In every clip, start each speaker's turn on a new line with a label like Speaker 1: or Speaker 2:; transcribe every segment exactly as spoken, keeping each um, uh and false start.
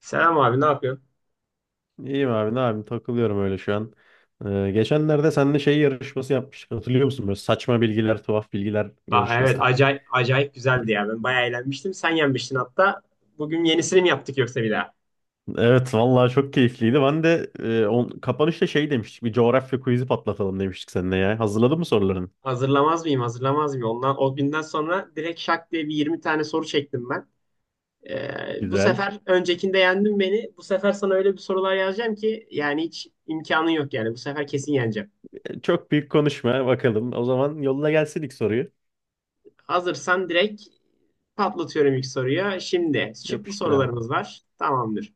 Speaker 1: Selam abi ne yapıyorsun?
Speaker 2: İyiyim abi ne yapayım takılıyorum öyle şu an. Ee, geçenlerde seninle şey yarışması yapmıştık hatırlıyor musun? Böyle saçma bilgiler, tuhaf bilgiler
Speaker 1: Aa, evet
Speaker 2: yarışması.
Speaker 1: acayip, acayip güzeldi ya. Ben bayağı eğlenmiştim. Sen yenmiştin hatta. Bugün yenisini mi yaptık yoksa bir daha?
Speaker 2: Evet vallahi çok keyifliydi. Ben de e, on, kapanışta şey demiştik, bir coğrafya quiz'i patlatalım demiştik seninle ya. Hazırladın mı soruların?
Speaker 1: Hazırlamaz mıyım? Hazırlamaz mıyım? Ondan, o günden sonra direkt şak diye bir yirmi tane soru çektim ben. Ee, bu
Speaker 2: Güzel.
Speaker 1: sefer öncekinde yendin beni. Bu sefer sana öyle bir sorular yazacağım ki yani hiç imkanın yok yani. Bu sefer kesin yeneceğim.
Speaker 2: E, Çok büyük konuşma bakalım. O zaman yolla gelsin ilk soruyu.
Speaker 1: Hazırsan direkt patlatıyorum ilk soruya. Şimdi şıklı
Speaker 2: Yapıştır abi.
Speaker 1: sorularımız var. Tamamdır.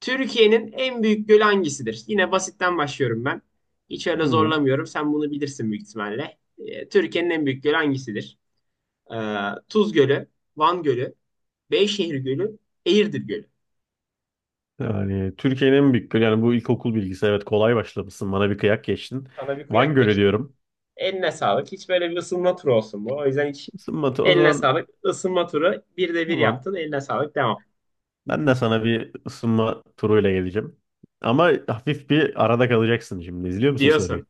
Speaker 1: Türkiye'nin en büyük gölü hangisidir? Yine basitten başlıyorum ben. Hiç öyle
Speaker 2: Hı hı.
Speaker 1: zorlamıyorum. Sen bunu bilirsin büyük ihtimalle. Ee, Türkiye'nin en büyük gölü hangisidir? Ee, Tuz Gölü, Van Gölü, Beyşehir Gölü, Eğirdir Gölü.
Speaker 2: Yani Türkiye'nin en büyük gölü, yani bu ilkokul bilgisi, evet kolay başlamışsın, bana bir kıyak geçtin.
Speaker 1: Sana bir
Speaker 2: Van
Speaker 1: kıyak
Speaker 2: Gölü
Speaker 1: geçtim.
Speaker 2: diyorum.
Speaker 1: Eline sağlık. Hiç böyle bir ısınma turu olsun bu. O yüzden hiç
Speaker 2: Isınmatı o
Speaker 1: eline
Speaker 2: zaman,
Speaker 1: sağlık. Isınma turu bir de bir
Speaker 2: tamam.
Speaker 1: yaptın. Eline sağlık. Devam.
Speaker 2: Ben de sana bir ısınma turuyla geleceğim. Ama hafif bir arada kalacaksın şimdi. İzliyor musun soruyu?
Speaker 1: Diyorsun.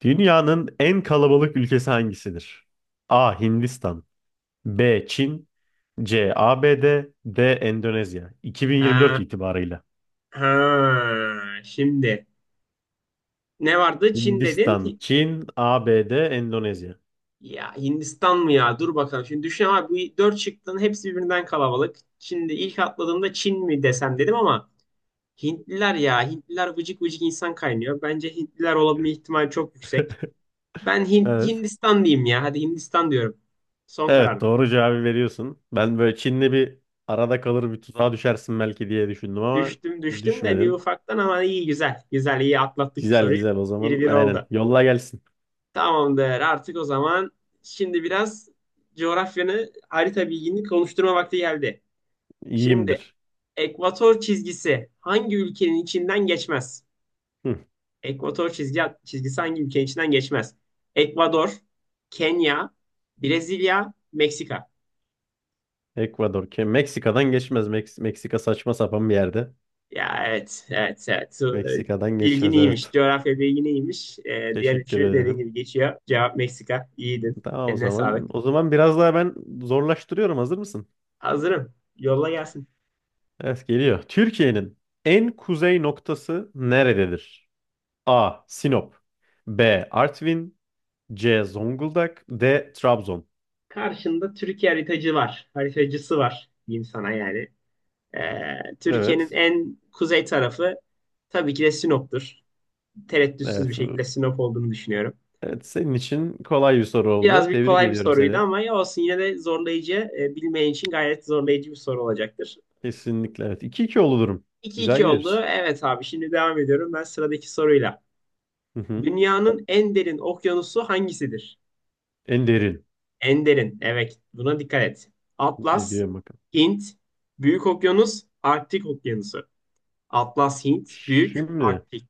Speaker 2: Dünyanın en kalabalık ülkesi hangisidir? A. Hindistan B. Çin C. ABD D. D. Endonezya iki bin yirmi dört
Speaker 1: Ha,
Speaker 2: itibarıyla.
Speaker 1: ha. Şimdi ne vardı? Çin dedin.
Speaker 2: Hindistan, Çin, A B D, Endonezya.
Speaker 1: Ya Hindistan mı ya? Dur bakalım. Şimdi düşün abi bu dört şıkkın hepsi birbirinden kalabalık. Şimdi ilk atladığımda Çin mi desem dedim ama Hintliler ya. Hintliler vıcık vıcık insan kaynıyor. Bence Hintliler olabilme ihtimali çok yüksek. Ben Hint,
Speaker 2: Evet.
Speaker 1: Hindistan diyeyim ya. Hadi Hindistan diyorum. Son karar.
Speaker 2: Evet, doğru cevabı veriyorsun. Ben böyle Çin'le bir arada kalır, bir tuzağa düşersin belki diye düşündüm ama
Speaker 1: Düştüm düştüm de bir
Speaker 2: düşmedin.
Speaker 1: ufaktan ama iyi güzel. Güzel iyi atlattık bu
Speaker 2: Güzel
Speaker 1: soruyu.
Speaker 2: güzel o zaman.
Speaker 1: Bir bir
Speaker 2: Aynen.
Speaker 1: oldu.
Speaker 2: Yolla gelsin.
Speaker 1: Tamamdır artık o zaman. Şimdi biraz coğrafyanı harita bilgini konuşturma vakti geldi. Şimdi
Speaker 2: İyiyimdir.
Speaker 1: Ekvator çizgisi hangi ülkenin içinden geçmez?
Speaker 2: Hı,
Speaker 1: Ekvator çizgi, çizgisi hangi ülkenin içinden geçmez? Ekvador, Kenya, Brezilya, Meksika.
Speaker 2: Ekvador. Ke- Meksika'dan geçmez. Meks- Meksika saçma sapan bir yerde.
Speaker 1: Ya evet, evet, evet.
Speaker 2: Meksika'dan
Speaker 1: Bilgin
Speaker 2: geçmez, evet.
Speaker 1: iyiymiş. Coğrafya bilgin iyiymiş. Ee, diğer
Speaker 2: Teşekkür
Speaker 1: üçü dediğin
Speaker 2: ederim.
Speaker 1: gibi geçiyor. Cevap Meksika. İyiydin.
Speaker 2: Tamam o
Speaker 1: Eline sağlık.
Speaker 2: zaman. O zaman biraz daha ben zorlaştırıyorum. Hazır mısın?
Speaker 1: Hazırım. Yolla gelsin.
Speaker 2: Evet, geliyor. Türkiye'nin en kuzey noktası nerededir? A. Sinop B. Artvin C. Zonguldak D. Trabzon
Speaker 1: Karşında Türkiye haritacı var. Haritacısı var diyeyim sana yani. Ee, Türkiye'nin
Speaker 2: Evet.
Speaker 1: en kuzey tarafı tabii ki de Sinop'tur. Tereddütsüz
Speaker 2: Evet.
Speaker 1: bir
Speaker 2: bu-
Speaker 1: şekilde Sinop olduğunu düşünüyorum.
Speaker 2: Evet, senin için kolay bir soru oldu.
Speaker 1: Biraz bir
Speaker 2: Tebrik
Speaker 1: kolay bir
Speaker 2: ediyorum
Speaker 1: soruydu
Speaker 2: seni.
Speaker 1: ama ya olsun yine de zorlayıcı, e, bilmeyen için gayet zorlayıcı bir soru olacaktır.
Speaker 2: Kesinlikle evet. iki iki oldu durum.
Speaker 1: 2
Speaker 2: Güzel
Speaker 1: iki oldu.
Speaker 2: gidiyoruz.
Speaker 1: Evet abi şimdi devam ediyorum ben sıradaki soruyla.
Speaker 2: Hı hı.
Speaker 1: Dünyanın en derin okyanusu hangisidir?
Speaker 2: En derin.
Speaker 1: En derin. Evet buna dikkat et. Atlas,
Speaker 2: Ediyorum bakalım.
Speaker 1: Hint, Büyük Okyanus, Arktik Okyanusu. Atlas, Hint, Büyük,
Speaker 2: Şimdi,
Speaker 1: Arktik.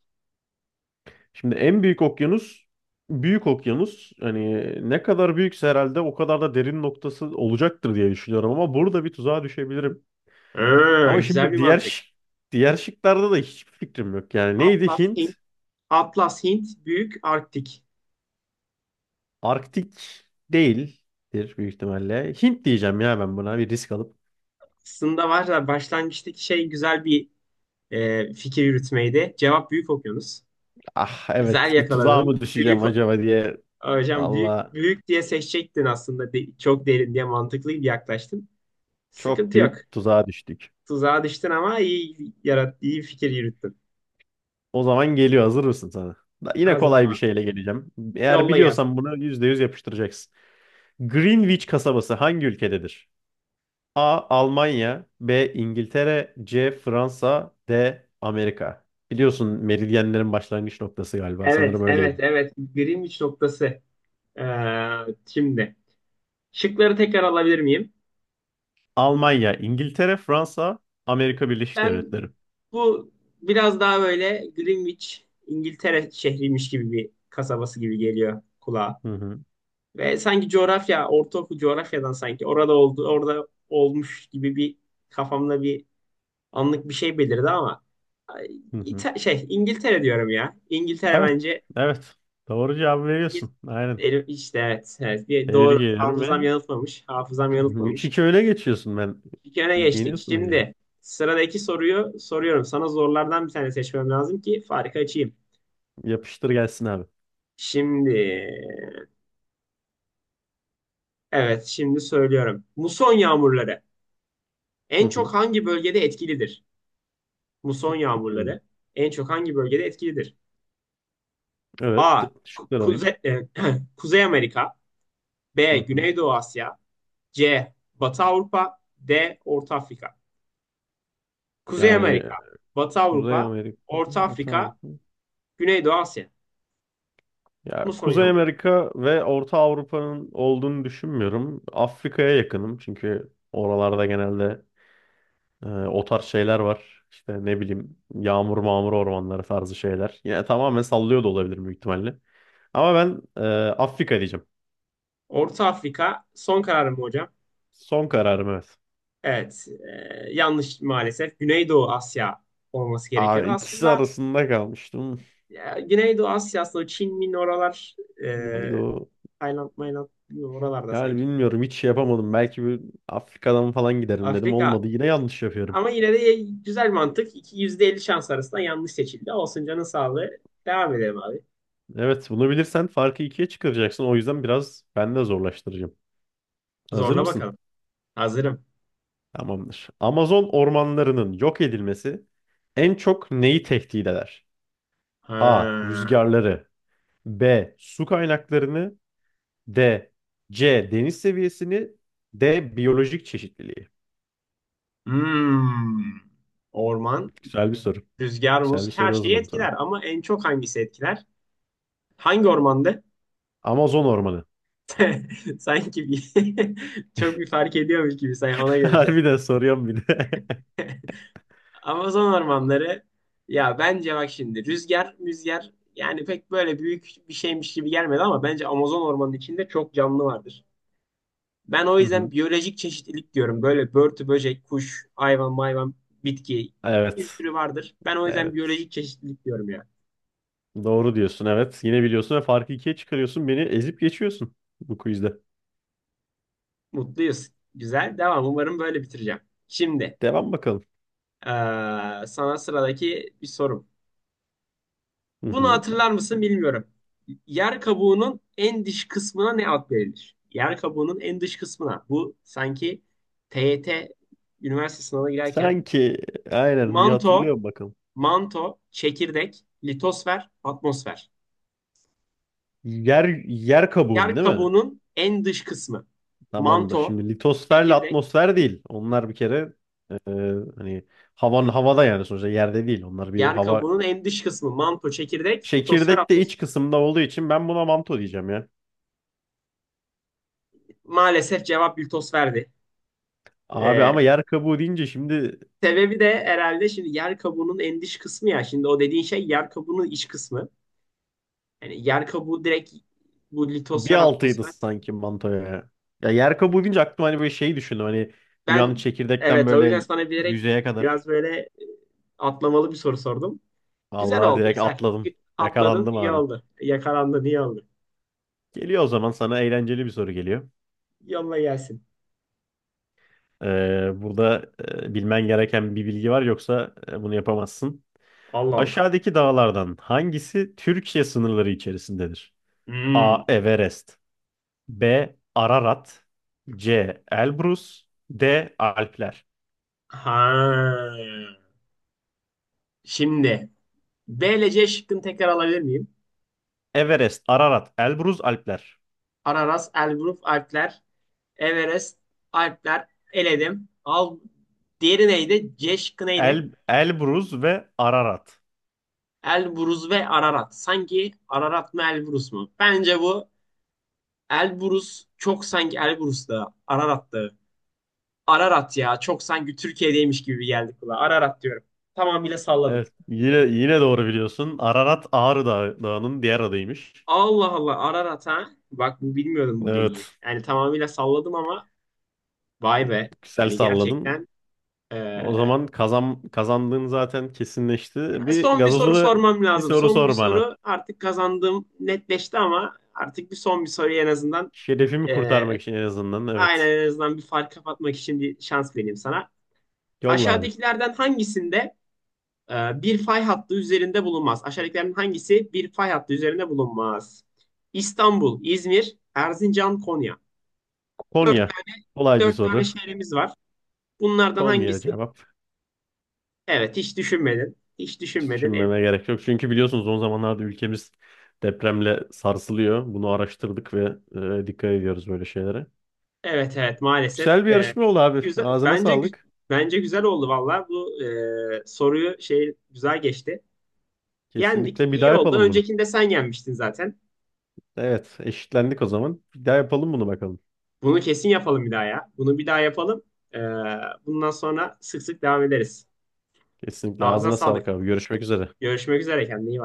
Speaker 2: şimdi en büyük okyanus büyük okyanus. Hani ne kadar büyükse herhalde o kadar da derin noktası olacaktır diye düşünüyorum ama burada bir tuzağa düşebilirim.
Speaker 1: Ha,
Speaker 2: Ama
Speaker 1: güzel
Speaker 2: şimdi
Speaker 1: bir
Speaker 2: diğer
Speaker 1: mantık.
Speaker 2: şık- diğer şıklarda da hiçbir fikrim yok. Yani neydi
Speaker 1: Atlas,
Speaker 2: Hint?
Speaker 1: Hint, Atlas, Hint, Büyük, Arktik.
Speaker 2: Arktik değildir büyük ihtimalle. Hint diyeceğim ya, ben buna bir risk alıp.
Speaker 1: Aslında var da başlangıçtaki şey güzel bir e, fikir yürütmeydi. Cevap büyük okyanus.
Speaker 2: Ah
Speaker 1: Güzel
Speaker 2: evet, bir tuzağa
Speaker 1: yakaladın.
Speaker 2: mı düşeceğim
Speaker 1: Büyük o-
Speaker 2: acaba diye.
Speaker 1: hocam büyük
Speaker 2: Valla
Speaker 1: büyük diye seçecektin aslında. De- çok derin diye mantıklı bir yaklaştın.
Speaker 2: çok
Speaker 1: Sıkıntı yok.
Speaker 2: büyük tuzağa düştük.
Speaker 1: Tuzağa düştün ama iyi yarat iyi fikir yürüttün.
Speaker 2: O zaman geliyor. Hazır mısın sana? Da- Yine
Speaker 1: Hazırım
Speaker 2: kolay bir
Speaker 1: abi.
Speaker 2: şeyle geleceğim. Eğer
Speaker 1: Yolla gelsin.
Speaker 2: biliyorsan bunu yüzde yüz yapıştıracaksın. Greenwich kasabası hangi ülkededir? A. Almanya B. İngiltere C. Fransa D. Amerika. Biliyorsun meridyenlerin başlangıç noktası galiba.
Speaker 1: Evet,
Speaker 2: Sanırım öyleydi.
Speaker 1: evet, evet. Greenwich noktası. Ee, şimdi şıkları tekrar alabilir miyim?
Speaker 2: Almanya, İngiltere, Fransa, Amerika Birleşik
Speaker 1: Ben
Speaker 2: Devletleri.
Speaker 1: Bu biraz daha böyle Greenwich, İngiltere şehriymiş gibi bir kasabası gibi geliyor kulağa.
Speaker 2: Hı hı,
Speaker 1: Ve sanki coğrafya, ortaokul coğrafyadan sanki orada oldu, orada olmuş gibi bir kafamda bir anlık bir şey belirdi ama ay,
Speaker 2: hı hı.
Speaker 1: İta- şey İngiltere diyorum ya. İngiltere
Speaker 2: Evet,
Speaker 1: bence
Speaker 2: evet. Doğru cevabı veriyorsun. Aynen.
Speaker 1: İngiltere işte evet, evet bir
Speaker 2: Tebrik
Speaker 1: doğru
Speaker 2: ediyorum
Speaker 1: hafızam
Speaker 2: ve
Speaker 1: yanıltmamış. Hafızam
Speaker 2: üç
Speaker 1: yanıltmamış.
Speaker 2: iki öne geçiyorsun ben.
Speaker 1: İlk öne geçtik.
Speaker 2: Yeniyorsun beni.
Speaker 1: Şimdi sıradaki soruyu soruyorum. Sana zorlardan bir tane seçmem lazım ki farkı açayım.
Speaker 2: Yapıştır gelsin abi.
Speaker 1: Şimdi evet şimdi söylüyorum. Muson yağmurları
Speaker 2: Hı
Speaker 1: en
Speaker 2: hı.
Speaker 1: çok hangi bölgede etkilidir? Muson
Speaker 2: Hı.
Speaker 1: yağmurları en çok hangi bölgede etkilidir?
Speaker 2: Evet.
Speaker 1: A.
Speaker 2: Şıklar alayım.
Speaker 1: Kuzey, Kuzey Amerika.
Speaker 2: Hı
Speaker 1: B.
Speaker 2: hı.
Speaker 1: Güneydoğu Asya. C. Batı Avrupa. D. Orta Afrika. Kuzey
Speaker 2: Yani
Speaker 1: Amerika, Batı
Speaker 2: Kuzey
Speaker 1: Avrupa,
Speaker 2: Amerika,
Speaker 1: Orta
Speaker 2: Orta
Speaker 1: Afrika,
Speaker 2: Avrupa.
Speaker 1: Güneydoğu Asya.
Speaker 2: Ya
Speaker 1: Muson
Speaker 2: Kuzey
Speaker 1: yağmurları.
Speaker 2: Amerika ve Orta Avrupa'nın olduğunu düşünmüyorum. Afrika'ya yakınım çünkü oralarda genelde e, o tarz şeyler var. İşte ne bileyim, yağmur mağmur ormanları tarzı şeyler. Yine tamamen sallıyor da olabilir büyük ihtimalle. Ama ben e, Afrika diyeceğim.
Speaker 1: Orta Afrika son kararım mı hocam?
Speaker 2: Son kararım, evet.
Speaker 1: Evet, e, yanlış maalesef. Güneydoğu Asya olması
Speaker 2: Aa,
Speaker 1: gerekiyordu.
Speaker 2: ikisi
Speaker 1: Aslında
Speaker 2: arasında kalmıştım.
Speaker 1: ya, Güneydoğu Asya'sı o Çin, Min oralar e,
Speaker 2: Neydi o?
Speaker 1: Tayland, Mayland bilmiyorum, oralarda
Speaker 2: Yani
Speaker 1: sanki.
Speaker 2: bilmiyorum, hiç şey yapamadım. Belki bir Afrika'dan falan giderim dedim.
Speaker 1: Afrika.
Speaker 2: Olmadı, yine yanlış yapıyorum.
Speaker 1: Ama yine de güzel mantık. İki- yüzde elli şans arasında yanlış seçildi. Olsun canın sağlığı. Devam edelim abi.
Speaker 2: Evet, bunu bilirsen farkı ikiye çıkaracaksın. O yüzden biraz ben de zorlaştıracağım. Hazır
Speaker 1: Zorla
Speaker 2: mısın?
Speaker 1: bakalım. Hazırım.
Speaker 2: Tamamdır. Amazon ormanlarının yok edilmesi en çok neyi tehdit eder? A.
Speaker 1: Ha.
Speaker 2: Rüzgarları B. Su kaynaklarını D. C. Deniz seviyesini D. Biyolojik çeşitliliği.
Speaker 1: Hmm. Orman,
Speaker 2: Güzel bir soru.
Speaker 1: rüzgar,
Speaker 2: Güzel
Speaker 1: muz
Speaker 2: bir
Speaker 1: her
Speaker 2: soru
Speaker 1: şeyi
Speaker 2: hazırladım sana.
Speaker 1: etkiler. Ama en çok hangisi etkiler? Hangi ormandı?
Speaker 2: Amazon ormanı.
Speaker 1: Sanki bir, çok bir fark ediyormuş gibi. Sen ona göre. şey-
Speaker 2: Harbiden soruyorum bir de.
Speaker 1: Amazon ormanları ya bence bak şimdi rüzgar müzgar yani pek böyle büyük bir şeymiş gibi gelmedi ama bence Amazon ormanının içinde çok canlı vardır. Ben o
Speaker 2: Hı hı.
Speaker 1: yüzden biyolojik çeşitlilik diyorum. Böyle börtü, böcek, kuş, hayvan, mayvan, bitki bir
Speaker 2: Evet.
Speaker 1: sürü vardır. Ben o yüzden
Speaker 2: Evet.
Speaker 1: biyolojik çeşitlilik diyorum ya.
Speaker 2: Doğru diyorsun, evet. Yine biliyorsun ve farkı ikiye çıkarıyorsun. Beni ezip geçiyorsun bu quizde.
Speaker 1: Mutluyuz. Güzel. Devam. Umarım böyle bitireceğim. Şimdi
Speaker 2: Devam bakalım.
Speaker 1: eee, sana sıradaki bir sorum.
Speaker 2: Hı
Speaker 1: Bunu
Speaker 2: hı.
Speaker 1: hatırlar mısın bilmiyorum. Yer kabuğunun en dış kısmına ne ad verilir? Yer kabuğunun en dış kısmına. Bu sanki T Y T üniversite sınavına girerken
Speaker 2: Sanki aynen bir
Speaker 1: manto,
Speaker 2: hatırlıyorum bakalım.
Speaker 1: manto, çekirdek, litosfer, atmosfer.
Speaker 2: Yer yer kabuğun
Speaker 1: Yer
Speaker 2: değil mi?
Speaker 1: kabuğunun en dış kısmı.
Speaker 2: Tamamdır.
Speaker 1: Manto,
Speaker 2: Şimdi litosferle
Speaker 1: çekirdek,
Speaker 2: atmosfer değil. Onlar bir kere e, hani havan havada, yani sonuçta yerde değil. Onlar bir
Speaker 1: yer
Speaker 2: hava,
Speaker 1: kabuğunun en dış kısmı. Manto, çekirdek, litosfer,
Speaker 2: çekirdek de
Speaker 1: atmosfer.
Speaker 2: iç kısımda olduğu için ben buna manto diyeceğim ya.
Speaker 1: Maalesef cevap litosferdi.
Speaker 2: Abi
Speaker 1: Ee,
Speaker 2: ama yer kabuğu deyince şimdi
Speaker 1: Sebebi de herhalde şimdi yer kabuğunun en dış kısmı ya. Şimdi o dediğin şey yer kabuğunun iç kısmı. Yani yer kabuğu direkt bu
Speaker 2: bir
Speaker 1: litosfer
Speaker 2: altıydı
Speaker 1: atmosfer.
Speaker 2: sanki mantoya. Ya Ya yer kabuğu deyince aklıma hani böyle şeyi düşündüm. Hani dünyanın
Speaker 1: Ben
Speaker 2: çekirdekten
Speaker 1: evet o yüzden
Speaker 2: böyle
Speaker 1: sana bilerek
Speaker 2: yüzeye kadar.
Speaker 1: biraz böyle atlamalı bir soru sordum. Güzel
Speaker 2: Vallahi
Speaker 1: oldu
Speaker 2: direkt
Speaker 1: güzel.
Speaker 2: atladım.
Speaker 1: Atladın
Speaker 2: Yakalandım
Speaker 1: iyi
Speaker 2: anı.
Speaker 1: oldu. Yakalandın iyi oldu.
Speaker 2: Geliyor o zaman, sana eğlenceli bir soru geliyor.
Speaker 1: Yolla gelsin.
Speaker 2: Ee, burada e, bilmen gereken bir bilgi var, yoksa e, bunu yapamazsın.
Speaker 1: Allah Allah.
Speaker 2: Aşağıdaki dağlardan hangisi Türkiye sınırları içerisindedir? A.
Speaker 1: Hmm.
Speaker 2: Everest B. Ararat C. Elbrus D. Alpler
Speaker 1: Ha. Şimdi B ile C şıkkını tekrar alabilir miyim?
Speaker 2: Everest, Ararat, Elbrus, Alpler.
Speaker 1: Araras, Elbruf, Alpler, Everest, Alpler, eledim. Al, diğeri neydi? Ceşk neydi?
Speaker 2: El, Elbruz ve Ararat.
Speaker 1: Elbrus ve Ararat. Sanki Ararat mı Elbrus mu? Bence bu Elbrus çok sanki Elbrus da Ararat da. Ararat ya çok sanki Türkiye'deymiş gibi geldik kulağa. Ararat diyorum. Tamamıyla salladım.
Speaker 2: Evet, yine yine doğru biliyorsun. Ararat Ağrı Dağı- Dağı'nın diğer adıymış.
Speaker 1: Allah Allah Ararat ha. Bak bu bilmiyordum bu bilgiyi.
Speaker 2: Evet,
Speaker 1: Yani tamamıyla salladım ama vay be.
Speaker 2: güzel
Speaker 1: Hani
Speaker 2: salladın.
Speaker 1: gerçekten
Speaker 2: O
Speaker 1: eee
Speaker 2: zaman kazan, kazandığın zaten kesinleşti. Bir
Speaker 1: son bir soru
Speaker 2: gazozuna
Speaker 1: sormam
Speaker 2: bir
Speaker 1: lazım.
Speaker 2: soru
Speaker 1: Son bir
Speaker 2: sor bana.
Speaker 1: soru artık kazandığım netleşti ama artık bir son bir soruyu en azından
Speaker 2: Şerefimi
Speaker 1: e,
Speaker 2: kurtarmak için en azından.
Speaker 1: aynen
Speaker 2: Evet.
Speaker 1: en azından bir fark kapatmak için bir şans vereyim sana.
Speaker 2: Yolla abi.
Speaker 1: Aşağıdakilerden hangisinde e, bir fay hattı üzerinde bulunmaz? Aşağıdakilerden hangisi bir fay hattı üzerinde bulunmaz? İstanbul, İzmir, Erzincan, Konya. Dört,
Speaker 2: Konya. Kolay bir
Speaker 1: dört tane
Speaker 2: soru.
Speaker 1: şehrimiz var. Bunlardan
Speaker 2: Konya
Speaker 1: hangisi?
Speaker 2: cevap.
Speaker 1: Evet hiç düşünmedin. Hiç
Speaker 2: Hiç
Speaker 1: düşünmedin. El-
Speaker 2: düşünmeme gerek yok. Çünkü biliyorsunuz, son zamanlarda ülkemiz depremle sarsılıyor. Bunu araştırdık ve e, dikkat ediyoruz böyle şeylere.
Speaker 1: Evet evet
Speaker 2: Güzel
Speaker 1: maalesef
Speaker 2: bir
Speaker 1: e,
Speaker 2: yarışma oldu abi.
Speaker 1: güzel
Speaker 2: Ağzına
Speaker 1: bence gü-
Speaker 2: sağlık.
Speaker 1: bence güzel oldu valla bu e, soruyu şey güzel geçti. Yendik
Speaker 2: Kesinlikle bir
Speaker 1: iyi
Speaker 2: daha
Speaker 1: oldu.
Speaker 2: yapalım bunu.
Speaker 1: Öncekinde sen yenmiştin zaten.
Speaker 2: Evet, eşitlendik o zaman. Bir daha yapalım bunu bakalım.
Speaker 1: Bunu kesin yapalım bir daha ya. Bunu bir daha yapalım. E, Bundan sonra sık sık devam ederiz.
Speaker 2: Kesinlikle
Speaker 1: Ağzına
Speaker 2: ağzına
Speaker 1: sağlık.
Speaker 2: sağlık abi. Görüşmek üzere.
Speaker 1: Görüşmek üzere kendine iyi